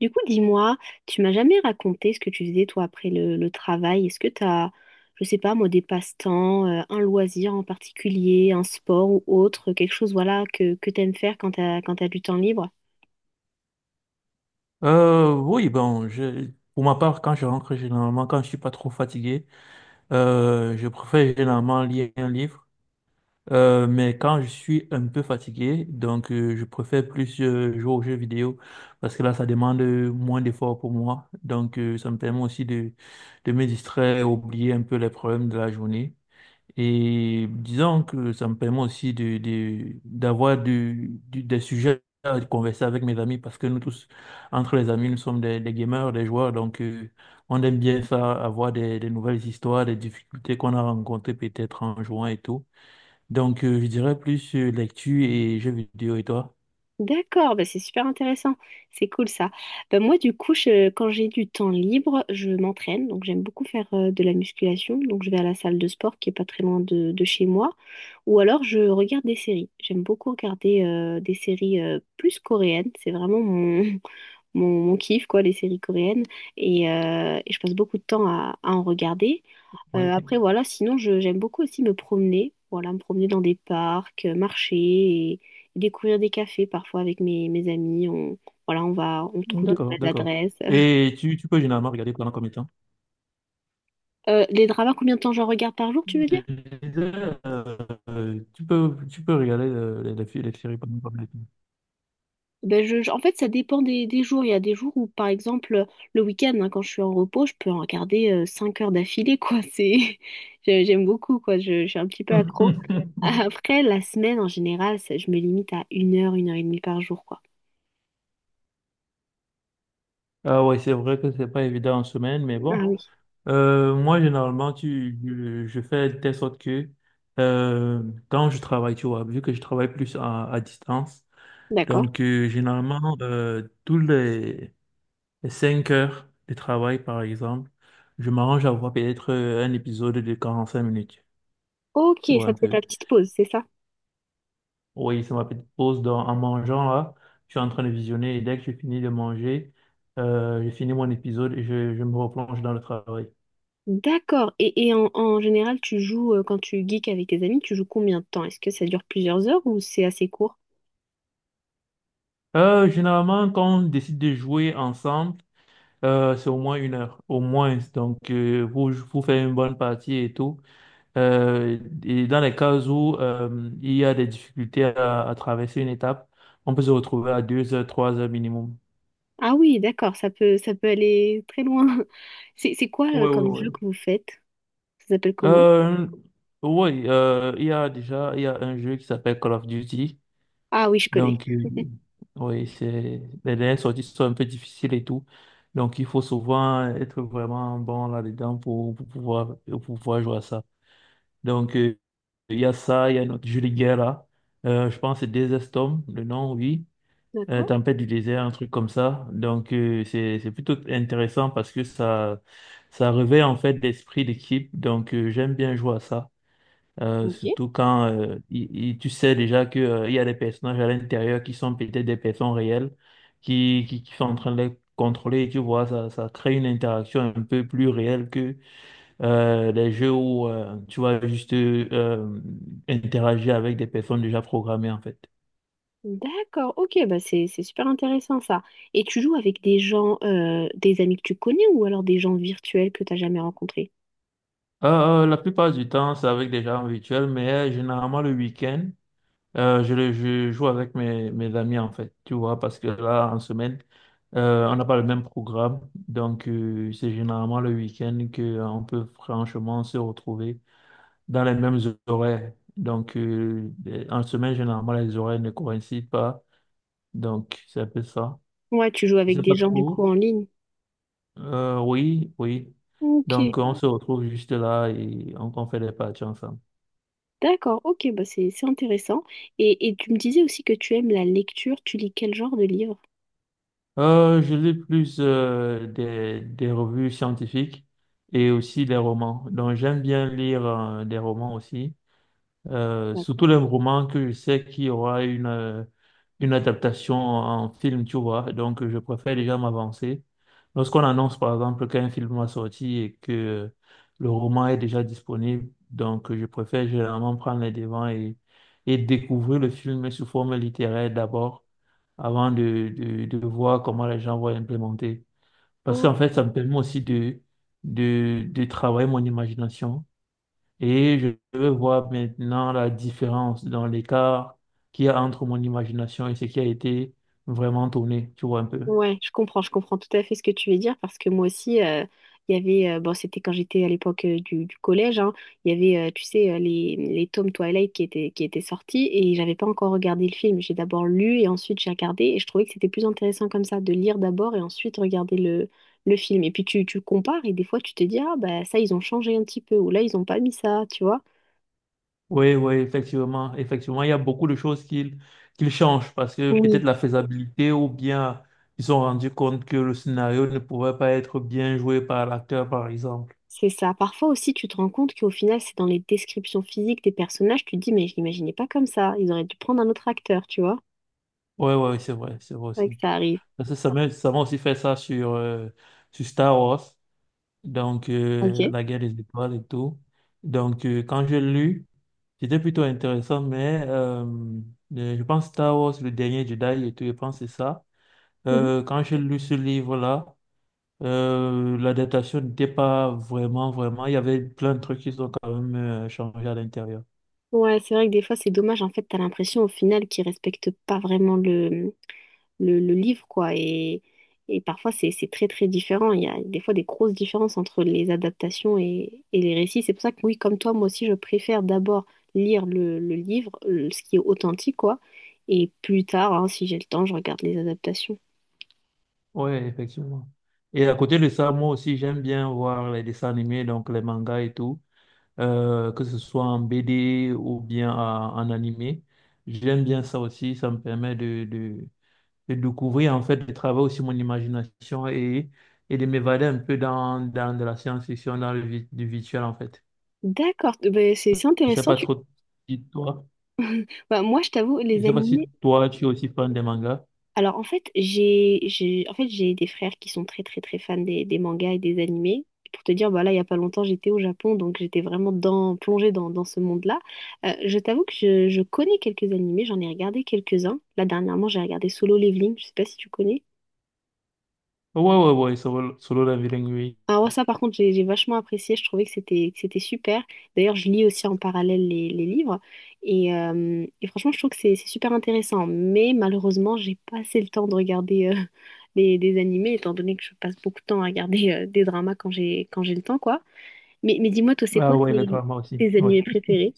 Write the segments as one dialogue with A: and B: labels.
A: Du coup, dis-moi, tu m'as jamais raconté ce que tu faisais toi après le travail. Est-ce que tu as, je sais pas moi, des passe-temps, un loisir en particulier, un sport ou autre, quelque chose voilà que tu aimes faire quand tu as, quand tu du temps libre?
B: Oui, bon, pour ma part, quand je rentre, généralement, quand je suis pas trop fatigué, je préfère généralement lire un livre. Mais quand je suis un peu fatigué, je préfère plus jouer aux jeux vidéo parce que là, ça demande moins d'efforts pour moi. Ça me permet aussi de me distraire, oublier un peu les problèmes de la journée. Et disons que ça me permet aussi de- d'avoir du- des sujets à converser avec mes amis parce que nous tous, entre les amis, nous sommes des gamers, des joueurs, on aime bien ça, avoir des nouvelles histoires, des difficultés qu'on a rencontrées peut-être en jouant et tout. Je dirais plus lecture et jeux vidéo, et toi?
A: D'accord, bah c'est super intéressant, c'est cool ça. Bah moi du coup, quand j'ai du temps libre, je m'entraîne, donc j'aime beaucoup faire de la musculation, donc je vais à la salle de sport qui est pas très loin de chez moi, ou alors je regarde des séries. J'aime beaucoup regarder des séries plus coréennes, c'est vraiment mon kiff quoi, les séries coréennes, et je passe beaucoup de temps à en regarder.
B: Oui,
A: Après, voilà, sinon, je, j'aime beaucoup aussi me promener. Voilà, me promener dans des parcs, marcher et découvrir des cafés parfois avec mes amis. On, voilà, on va, on trouve de
B: d'accord,
A: nouvelles
B: d'accord.
A: adresses.
B: Et tu peux généralement regarder pendant combien de temps?
A: Les dramas, combien de temps j'en regarde par jour, tu veux
B: Je
A: dire?
B: disais, tu peux regarder les séries pendant combien de temps?
A: Ben je, en fait, ça dépend des jours. Il y a des jours où, par exemple, le week-end, hein, quand je suis en repos, je peux en regarder 5 heures d'affilée, quoi. C'est, j'aime beaucoup, quoi. Je suis un petit peu accro. Après, la semaine, en général, je me limite à 1 heure, 1 heure et demie par jour, quoi.
B: Ah ouais, c'est vrai que c'est pas évident en semaine, mais
A: Ah
B: bon.
A: oui,
B: Moi, généralement, je fais de telle sorte que euh, quand je travaille, tu vois, vu que je travaille plus à distance,
A: d'accord.
B: généralement, les 5 heures de travail, par exemple, je m'arrange à voir peut-être un épisode de 45 minutes,
A: Ok,
B: tu vois
A: ça
B: un
A: te fait ta
B: peu.
A: petite pause, c'est ça?
B: Oui, c'est ma petite pause en mangeant là. Je suis en train de visionner et dès que je finis de manger, j'ai fini mon épisode et je me replonge dans le travail.
A: D'accord. Et en, en général, tu joues, quand tu geeks avec tes amis, tu joues combien de temps? Est-ce que ça dure plusieurs heures ou c'est assez court?
B: Généralement, quand on décide de jouer ensemble, c'est au moins une heure, au moins. Pour faire une bonne partie et tout. Euh, et dans les cas où il y a des difficultés à traverser une étape, on peut se retrouver à deux heures, trois heures minimum.
A: Ah oui, d'accord, ça peut aller très loin. C'est quoi,
B: Oui, oui,
A: comme jeu
B: oui.
A: que vous faites? Ça s'appelle comment?
B: Euh, oui, il y a déjà il y a un jeu qui s'appelle Call of Duty.
A: Ah oui, je connais.
B: Donc, euh, oui, c'est, les dernières sorties sont un peu difficiles et tout. Donc, il faut souvent être vraiment bon là-dedans pour pouvoir jouer à ça. Donc, euh, il y a ça, il y a notre jeu de guerre là. Je pense que c'est Desert Storm, le nom, oui.
A: D'accord.
B: Tempête du désert, un truc comme ça. C'est plutôt intéressant parce que ça réveille en fait l'esprit d'équipe. J'aime bien jouer à ça.
A: Ok.
B: Surtout quand tu sais déjà que, il y a des personnages à l'intérieur qui sont peut-être des personnes réelles, qui sont en train de les contrôler, et tu vois, ça crée une interaction un peu plus réelle que les jeux où tu vas juste interagir avec des personnes déjà programmées en fait.
A: D'accord, ok, bah c'est super intéressant ça. Et tu joues avec des gens, des amis que tu connais ou alors des gens virtuels que t'as jamais rencontrés?
B: La plupart du temps, c'est avec des gens virtuels, mais généralement le week-end, je joue avec mes amis en fait, tu vois, parce que là, en semaine, on n'a pas le même programme. C'est généralement le week-end que on peut franchement se retrouver dans les mêmes horaires. En semaine, généralement, les horaires ne coïncident pas. Donc, c'est un peu ça.
A: Ouais, tu joues
B: Je
A: avec
B: sais
A: des
B: pas
A: gens du coup
B: trop.
A: en ligne.
B: Oui, oui.
A: Ok.
B: Donc, on se retrouve juste là et on fait des parties ensemble.
A: D'accord, ok, bah c'est intéressant. Et tu me disais aussi que tu aimes la lecture, tu lis quel genre de livre?
B: Je lis plus des revues scientifiques et aussi des romans. Donc j'aime bien lire des romans aussi. Surtout
A: D'accord.
B: les romans que je sais qu'il y aura une adaptation en film, tu vois. Donc, je préfère déjà m'avancer. Lorsqu'on annonce, par exemple, qu'un film va sortir et que le roman est déjà disponible, je préfère généralement prendre les devants et découvrir le film sous forme littéraire d'abord, avant de voir comment les gens vont implémenter. Parce
A: Oh,
B: qu'en fait, ça me permet aussi de travailler mon imagination et je veux voir maintenant la différence dans l'écart qu'il y a entre mon imagination et ce qui a été vraiment tourné, tu vois un peu.
A: ouais, je comprends tout à fait ce que tu veux dire parce que moi aussi, il y avait, bon, c'était quand j'étais à l'époque du collège, hein, il y avait, tu sais, les tomes Twilight qui étaient sortis et j'avais pas encore regardé le film. J'ai d'abord lu et ensuite j'ai regardé et je trouvais que c'était plus intéressant comme ça, de lire d'abord et ensuite regarder le film. Et puis tu compares et des fois tu te dis, ah bah ça, ils ont changé un petit peu ou là, ils ont pas mis ça, tu vois.
B: Oui, oui, effectivement, effectivement, il y a beaucoup de choses qu'ils changent parce que peut-être
A: Oui,
B: la faisabilité ou bien ils se sont rendus compte que le scénario ne pouvait pas être bien joué par l'acteur, par exemple.
A: c'est ça. Parfois aussi, tu te rends compte qu'au final, c'est dans les descriptions physiques des personnages, tu te dis, mais je l'imaginais pas comme ça. Ils auraient dû prendre un autre acteur, tu vois.
B: Oui, oui, oui, c'est vrai
A: C'est vrai que
B: aussi.
A: ça arrive.
B: Parce que ça m'a aussi fait ça sur, sur Star Wars,
A: Ok.
B: la guerre des étoiles et tout. Quand j'ai lu... C'était plutôt intéressant, mais je pense Star Wars, le dernier Jedi et tout, je pense que c'est ça.
A: Mhm.
B: Quand j'ai lu ce livre-là, l'adaptation n'était pas vraiment, vraiment. Il y avait plein de trucs qui sont quand même changés à l'intérieur.
A: Ouais, c'est vrai que des fois, c'est dommage. En fait, t'as l'impression au final qu'ils respectent pas vraiment le livre, quoi. Et parfois, c'est très, très différent. Il y a des fois des grosses différences entre les adaptations et les récits. C'est pour ça que, oui, comme toi, moi aussi, je préfère d'abord lire le livre, ce qui est authentique, quoi. Et plus tard, hein, si j'ai le temps, je regarde les adaptations.
B: Oui, effectivement. Et à côté de ça, moi aussi, j'aime bien voir les dessins animés, donc les mangas et tout, que ce soit en BD ou bien en animé. J'aime bien ça aussi, ça me permet de découvrir en fait, de travailler aussi mon imagination et de m'évader un peu dans de la science-fiction, dans du virtuel en fait.
A: D'accord, ben, c'est
B: Je sais
A: intéressant.
B: pas
A: Tu...
B: trop si toi,
A: Bah, moi, je t'avoue,
B: je
A: les
B: sais pas si
A: animés.
B: toi tu es aussi fan des mangas.
A: Alors, en fait, j'ai des frères qui sont très fans des mangas et des animés. Pour te dire, bah là, il y a pas longtemps, j'étais au Japon, donc j'étais vraiment dans, plongée dans, dans ce monde-là. Je t'avoue que je connais quelques animés, j'en ai regardé quelques-uns. Là, dernièrement, j'ai regardé Solo Leveling. Je sais pas si tu connais.
B: Ouais, ouais, ouais, Solo Leveling, oui.
A: Ah ouais, ça par contre, j'ai vachement apprécié, je trouvais que c'était super. D'ailleurs, je lis aussi en parallèle les livres et franchement, je trouve que c'est super intéressant. Mais malheureusement, j'ai pas assez le temps de regarder des animés, étant donné que je passe beaucoup de temps à regarder des dramas quand j'ai le temps, quoi. Mais dis-moi, c'est
B: Ah
A: quoi
B: ouais, le drama aussi,
A: tes
B: ouais.
A: animés préférés?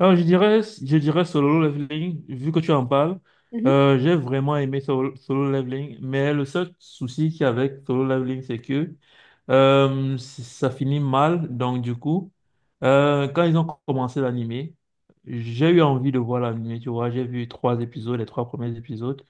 B: Alors, je dirais Solo Leveling, vu que tu en parles.
A: Mhm.
B: J'ai vraiment aimé Solo Leveling, mais le seul souci qu'il y a avec Solo Leveling, c'est que ça finit mal. Quand ils ont commencé l'animé, j'ai eu envie de voir l'animé, tu vois. J'ai vu trois épisodes, les trois premiers épisodes.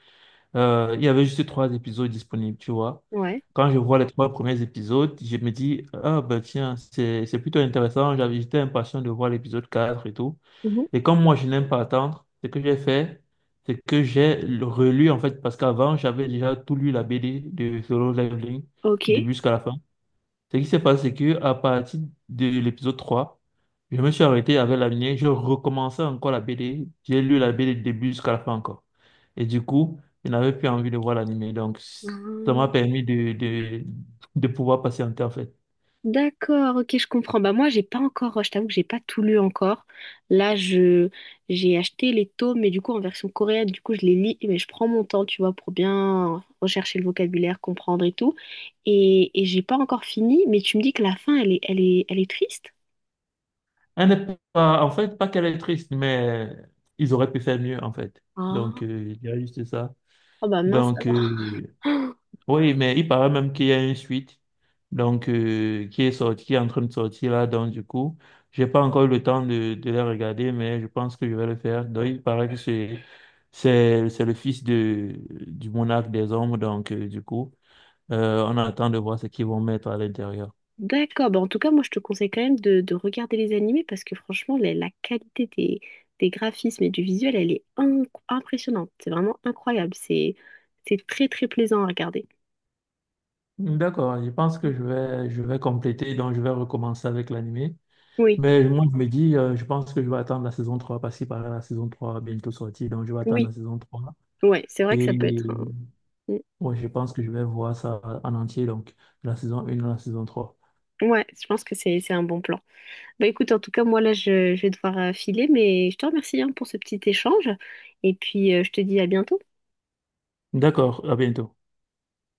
B: Il y avait juste trois épisodes disponibles, tu vois.
A: Ouais.
B: Quand je vois les trois premiers épisodes, je me dis, ah ben tiens, c'est plutôt intéressant. J'étais impatient de voir l'épisode 4 et tout.
A: Mhm.
B: Et comme moi, je n'aime pas attendre, ce que j'ai fait, c'est que j'ai relu, en fait, parce qu'avant, j'avais déjà tout lu la BD de Solo Leveling,
A: Ok.
B: début jusqu'à la fin. Ce qui s'est passé, c'est que à partir de l'épisode 3, je me suis arrêté avec la mienne, je recommençais encore la BD, j'ai lu la BD du début jusqu'à la fin encore. Et du coup, je n'avais plus envie de voir l'animé. Donc, ça m'a permis de pouvoir patienter, en fait.
A: D'accord, ok, je comprends. Bah moi, j'ai pas encore, je t'avoue que j'ai pas tout lu encore. Là, je j'ai acheté les tomes, mais du coup en version coréenne, du coup je les lis, mais je prends mon temps, tu vois, pour bien rechercher le vocabulaire, comprendre et tout. Et j'ai pas encore fini, mais tu me dis que la fin, elle est, elle est, elle est triste?
B: Elle n'est pas, en fait, pas qu'elle est triste, mais ils auraient pu faire mieux, en fait.
A: Ah,
B: Il y a juste ça.
A: oh bah mince
B: Donc,
A: alors.
B: euh, oui, mais il paraît même qu'il y a une suite, qui est sortie, qui est en train de sortir là. Donc, du coup, j'ai pas encore eu le temps de la regarder, mais je pense que je vais le faire. Donc, il paraît que c'est le fils du monarque des hommes. On attend de voir ce qu'ils vont mettre à l'intérieur.
A: D'accord, bah en tout cas, moi je te conseille quand même de regarder les animés parce que franchement, la qualité des graphismes et du visuel, elle est impressionnante. C'est vraiment incroyable. C'est très très plaisant à regarder.
B: D'accord, je pense que
A: Mm.
B: je vais compléter, donc je vais recommencer avec l'animé.
A: Oui,
B: Mais moi, je me dis, je pense que je vais attendre la saison trois parce qu'il paraît la saison 3 bientôt sortie. Donc, je vais attendre
A: oui,
B: la saison trois.
A: ouais, c'est vrai que
B: Et
A: ça peut être un... Mm.
B: ouais, je pense que je vais voir ça en entier. Donc, de la saison 1 à la saison trois.
A: Ouais, je pense que c'est un bon plan. Bah écoute, en tout cas, moi là, je vais devoir filer, mais je te remercie hein, pour ce petit échange et puis je te dis à bientôt.
B: D'accord, à bientôt.